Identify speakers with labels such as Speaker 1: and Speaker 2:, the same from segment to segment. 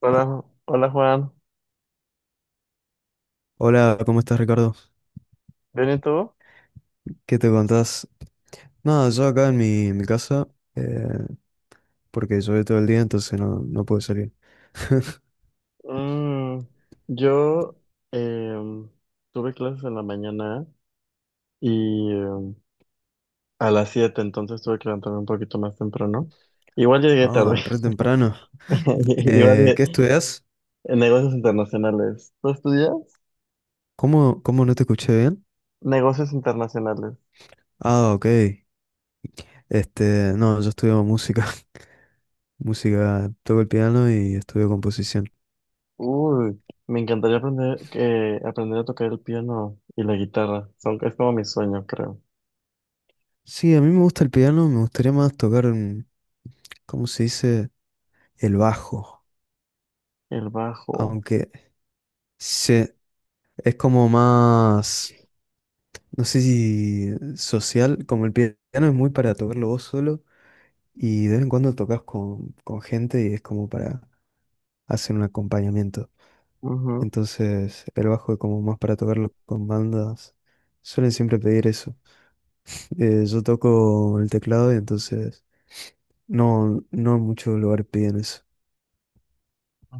Speaker 1: Hola,
Speaker 2: Ay.
Speaker 1: Hola Juan,
Speaker 2: Hola, ¿cómo estás, Ricardo?
Speaker 1: ¿bien y tú?
Speaker 2: ¿Qué te contás? Nada, yo acá en mi casa, eh, porque llovió todo el día, entonces no pude salir.
Speaker 1: Mm, yo em, tuve clases en la mañana y a las 7, entonces tuve que levantarme un poquito más temprano. Igual llegué tarde,
Speaker 2: Ah, re temprano.
Speaker 1: igual
Speaker 2: Eh,
Speaker 1: llegué-
Speaker 2: ¿qué estudias?
Speaker 1: en negocios internacionales. ¿Tú estudias?
Speaker 2: ¿Cómo no te escuché bien?
Speaker 1: Negocios internacionales.
Speaker 2: Ah, ok. Este, no, yo estudio música. Música, toco el piano y estudio composición.
Speaker 1: Uy, me encantaría aprender, aprender a tocar el piano y la guitarra. Es como mi sueño, creo.
Speaker 2: Sí, a mí me gusta el piano, me gustaría más tocar, ¿cómo se dice? El bajo,
Speaker 1: El bajo.
Speaker 2: aunque se, es como más, no sé si social, como el piano es muy para tocarlo vos solo y de vez en cuando tocas con gente y es como para hacer un acompañamiento. Entonces el bajo es como más para tocarlo con bandas. Suelen siempre pedir eso. Yo toco el teclado y entonces no en muchos lugares piden eso.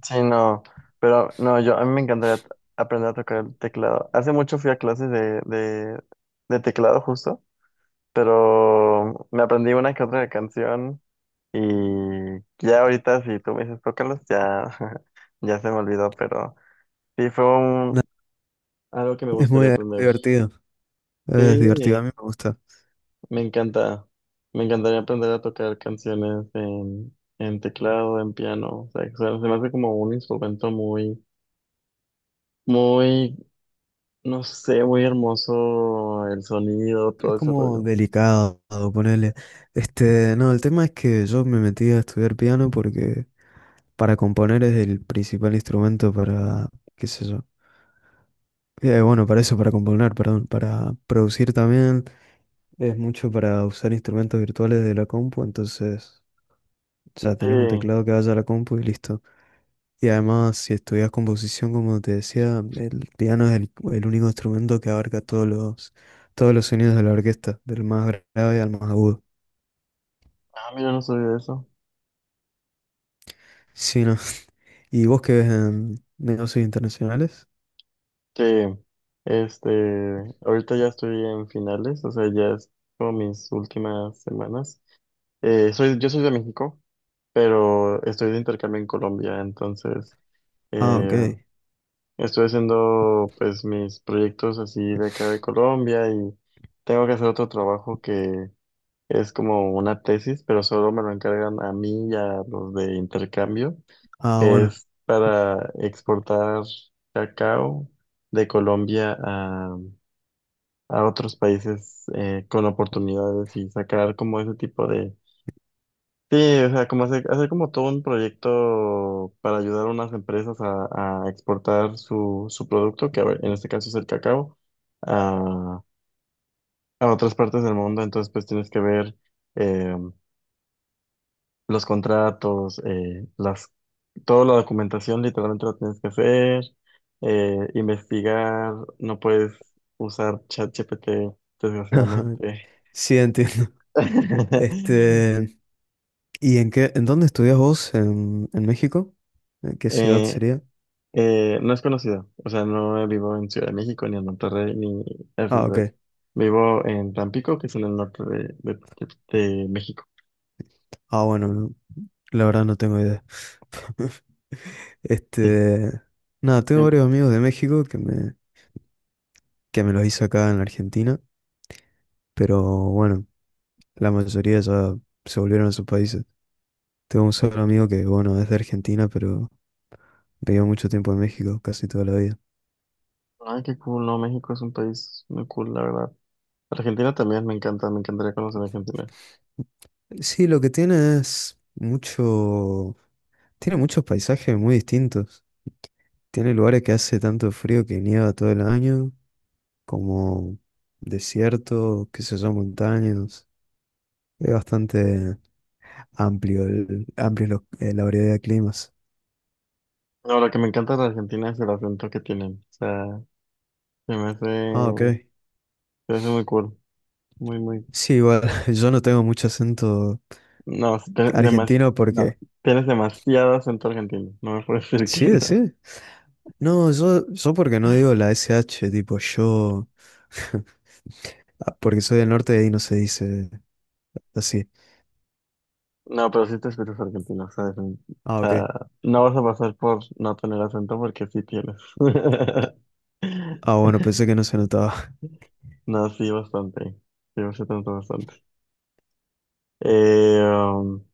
Speaker 1: Sí, no, pero no, yo a mí aprender a tocar el teclado. Hace mucho fui a clases de teclado justo, pero me aprendí una que otra canción y ya ahorita si tú me dices tócalos, ya, ya se me olvidó, pero sí fue un,
Speaker 2: Nada,
Speaker 1: algo que me
Speaker 2: es muy,
Speaker 1: gustaría
Speaker 2: es muy
Speaker 1: aprender.
Speaker 2: divertido. Es divertido, a
Speaker 1: Sí,
Speaker 2: mí me gusta.
Speaker 1: me encanta, me encantaría aprender a tocar canciones en teclado, en piano, o sea, que se me hace como un instrumento muy... Muy. No sé, muy hermoso el sonido,
Speaker 2: Es
Speaker 1: todo ese
Speaker 2: como
Speaker 1: rollo.
Speaker 2: delicado, ponerle. Este, no, el tema es que yo me metí a estudiar piano porque para componer es el principal instrumento para, qué sé yo. Bueno, para eso, para componer, perdón, para producir también. Es mucho para usar instrumentos virtuales de la compu, entonces ya
Speaker 1: Sí.
Speaker 2: tenés un teclado que vaya a la compu y listo. Y además, si estudias composición, como te decía, el piano es el único instrumento que abarca todos los sonidos de la orquesta, del más grave al más agudo.
Speaker 1: Ah, mira, no sabía eso.
Speaker 2: Sí, ¿no? ¿Y vos qué ves en negocios internacionales?
Speaker 1: Sí, este, ahorita ya estoy en finales, o sea, ya es como mis últimas semanas. Yo soy de México, pero estoy de intercambio en Colombia, entonces
Speaker 2: Ah, ok.
Speaker 1: eh, estoy haciendo pues mis proyectos así de acá de Colombia y tengo que hacer otro trabajo que es como una tesis, pero solo me lo encargan a mí y a los de intercambio.
Speaker 2: Ah,
Speaker 1: Que
Speaker 2: bueno.
Speaker 1: es para exportar cacao de Colombia a otros países con oportunidades y sacar como ese tipo de... Sí, o sea, como hacer como todo un proyecto para ayudar a unas empresas a exportar su producto, que a ver, en este caso es el cacao, a, a otras partes del mundo. Entonces, pues tienes que ver eh, los contratos, las toda la documentación literalmente la tienes que hacer, investigar, no puedes usar ChatGPT, desgraciadamente.
Speaker 2: Sí, entiendo. Este, ¿y en dónde estudias vos en México? ¿En qué ciudad
Speaker 1: Eh,
Speaker 2: sería?
Speaker 1: no es conocido, o sea, no vivo en Ciudad de México, ni en Monterrey, ni así,
Speaker 2: Ah, ok.
Speaker 1: pues. Vivo en Tampico, que es en el norte de México.
Speaker 2: Ah, bueno, no, la verdad no tengo idea.
Speaker 1: Sí.
Speaker 2: Este, nada, tengo
Speaker 1: Bien.
Speaker 2: varios amigos de México que me los hice acá en Argentina, pero bueno, la mayoría ya se volvieron a sus países. Tengo un solo amigo que, bueno, es de Argentina, pero vivió mucho tiempo en México, casi toda la vida.
Speaker 1: Ay, qué cool, no, México es un país muy cool, la verdad. Argentina también me encanta, me encantaría conocer Argentina.
Speaker 2: Sí, lo que tiene es mucho, tiene muchos paisajes muy distintos. Tiene lugares que hace tanto frío que nieva todo el año, como desierto, qué sé yo, montañas. Es bastante amplio, la variedad de climas.
Speaker 1: No, lo que me encanta de Argentina es el acento que tienen, o sea.
Speaker 2: Ah, ok.
Speaker 1: Se me hace muy cool. Muy, muy.
Speaker 2: Sí, igual, yo no tengo mucho acento
Speaker 1: No,
Speaker 2: argentino
Speaker 1: no.
Speaker 2: porque...
Speaker 1: Tienes demasiado acento argentino. No me puedes decir que
Speaker 2: Sí,
Speaker 1: no.
Speaker 2: sí. No, yo porque no digo la SH, tipo yo... Porque soy del norte y ahí no se dice así.
Speaker 1: No, pero sí te escuchas argentino, ¿sabes? O
Speaker 2: Ah,
Speaker 1: sea,
Speaker 2: ok.
Speaker 1: no vas a pasar por no tener acento porque sí tienes.
Speaker 2: Ah, bueno, pensé que no se notaba.
Speaker 1: No, sí, bastante. Sí, bastante, bastante. Eh, um,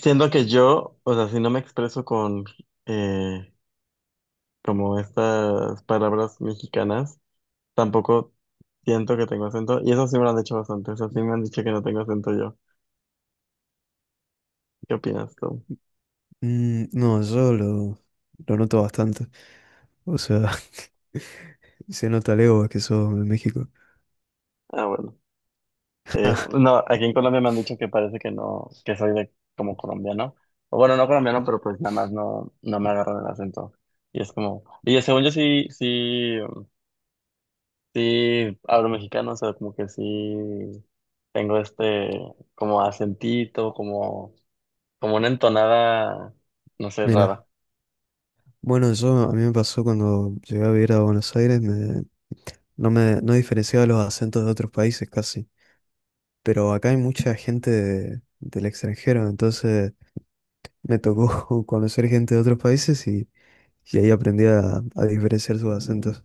Speaker 1: siendo que yo, o sea, si no me expreso con eh, como estas palabras mexicanas, tampoco siento que tengo acento. Y eso sí me lo han dicho bastante. Eso sí me han dicho que no tengo acento yo. ¿Qué opinas tú?
Speaker 2: No, yo lo noto bastante. O sea, se nota lejos que sos de México.
Speaker 1: Ah, bueno. No, aquí en Colombia me han dicho que parece que no, que soy de como colombiano. O bueno, no colombiano, pero pues nada más no, no me agarran el acento. Y es como, y según yo sí hablo mexicano, o sea, como que sí tengo este como acentito, como, como una entonada, no sé,
Speaker 2: Mira,
Speaker 1: rara.
Speaker 2: bueno, yo a mí me pasó cuando llegué a vivir a Buenos Aires, me no diferenciaba los acentos de otros países casi. Pero acá hay mucha gente del extranjero, entonces me tocó conocer gente de otros países y ahí aprendí a diferenciar sus acentos.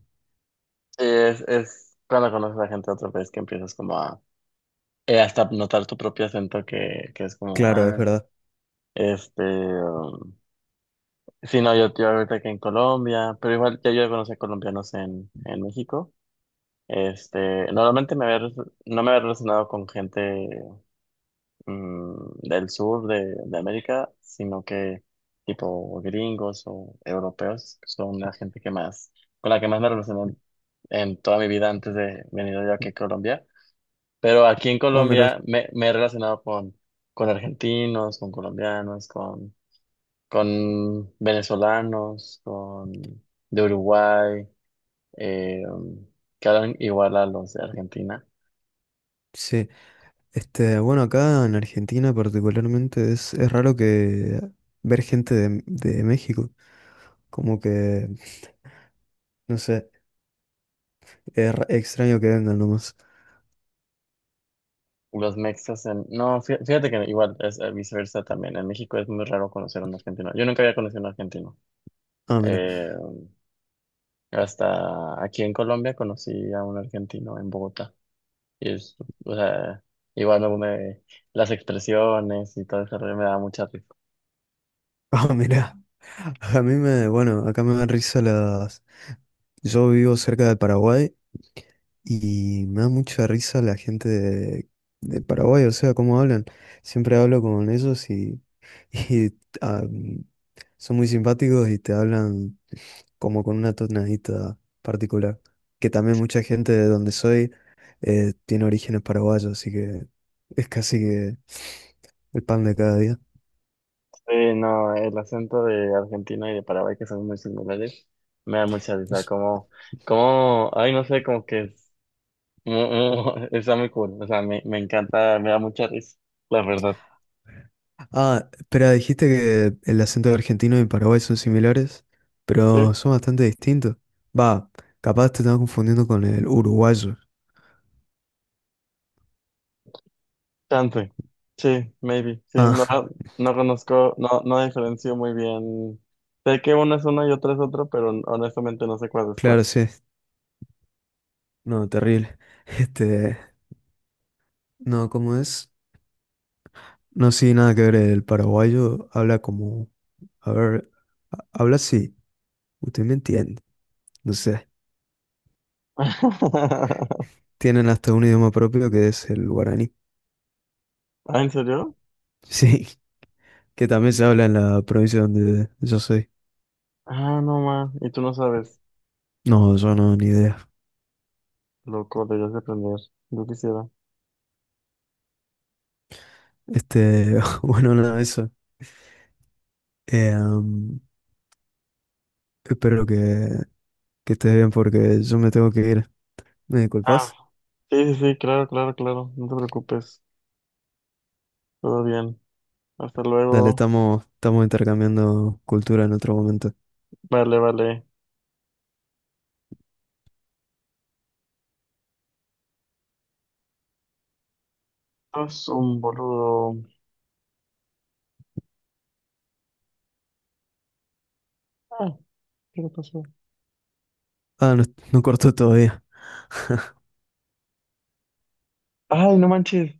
Speaker 1: Es cuando conoces a gente de otro país que empiezas como a hasta notar tu propio acento que es como,
Speaker 2: Claro, es
Speaker 1: ah,
Speaker 2: verdad.
Speaker 1: este, um, sí, no, yo ahorita que en Colombia, pero igual ya yo conocí a colombianos en México. Este, normalmente no me había relacionado con gente del sur de América, sino que tipo gringos o europeos, que son la gente que más, con la que más me relacioné en toda mi vida antes de venir yo aquí a Colombia. Pero aquí en
Speaker 2: No, mira,
Speaker 1: Colombia me he relacionado con argentinos, con colombianos, con venezolanos, con de Uruguay, eh, que hablan igual a los de Argentina.
Speaker 2: sí. Este, bueno, acá en Argentina particularmente es raro que ver gente de México. Como que, no sé, extraño que vengan nomás.
Speaker 1: Los mexas en... No, fíjate que igual es viceversa también. En México es muy raro conocer a un argentino. Yo nunca había conocido a un argentino.
Speaker 2: Ah, mira.
Speaker 1: Eh, hasta aquí en Colombia conocí a un argentino en Bogotá. Y es, o sea, igual bueno, me, las expresiones y todo eso me da mucha risa.
Speaker 2: Ah, mira. A mí me, bueno, acá me dan risa las. Yo vivo cerca de Paraguay. Y me da mucha risa la gente de Paraguay, o sea, cómo hablan. Siempre hablo con ellos y, y, ah, son muy simpáticos y te hablan como con una tonadita particular. Que también mucha gente de donde soy tiene orígenes paraguayos, así que es casi que el pan de cada día.
Speaker 1: Sí, no, el acento de Argentina y de Paraguay que son muy similares, me da mucha risa.
Speaker 2: Es-
Speaker 1: Como, como, ay, no sé, como que es, está muy cool. O sea, me encanta, me da mucha risa, la verdad.
Speaker 2: Ah, espera, dijiste que el acento argentino y Paraguay son similares,
Speaker 1: Sí,
Speaker 2: pero son bastante distintos. Va, capaz te estás confundiendo con el uruguayo.
Speaker 1: chance. Sí, maybe. Sí, no,
Speaker 2: Ah.
Speaker 1: no conozco, no, no diferencio muy bien. Sé que uno es uno y otro es otro, pero honestamente no sé cuál es cuál.
Speaker 2: Claro, sí. No, terrible. Este, no, ¿cómo es? No, sí, nada que ver. El paraguayo habla como, a ver, habla así. Usted me entiende. No sé. Tienen hasta un idioma propio que es el guaraní.
Speaker 1: ¿Ah, en serio?
Speaker 2: Sí, que también se habla en la provincia donde yo soy.
Speaker 1: Ah, no, ma. Y tú no sabes.
Speaker 2: No, yo no, ni idea.
Speaker 1: Loco, deberías de aprender. Yo quisiera.
Speaker 2: Este, bueno, nada, eso. Eh, am, espero que estés bien porque yo me tengo que ir. ¿Me
Speaker 1: Ah.
Speaker 2: disculpas?
Speaker 1: Sí, sí, sí, claro, claro, claro. No te preocupes. Todo bien. Hasta
Speaker 2: Dale,
Speaker 1: luego.
Speaker 2: estamos intercambiando cultura en otro momento.
Speaker 1: Vale, vale. Es un boludo. Ah, ¿qué le pasó?
Speaker 2: Ah, no, no cortó todavía.
Speaker 1: Ay, no manches.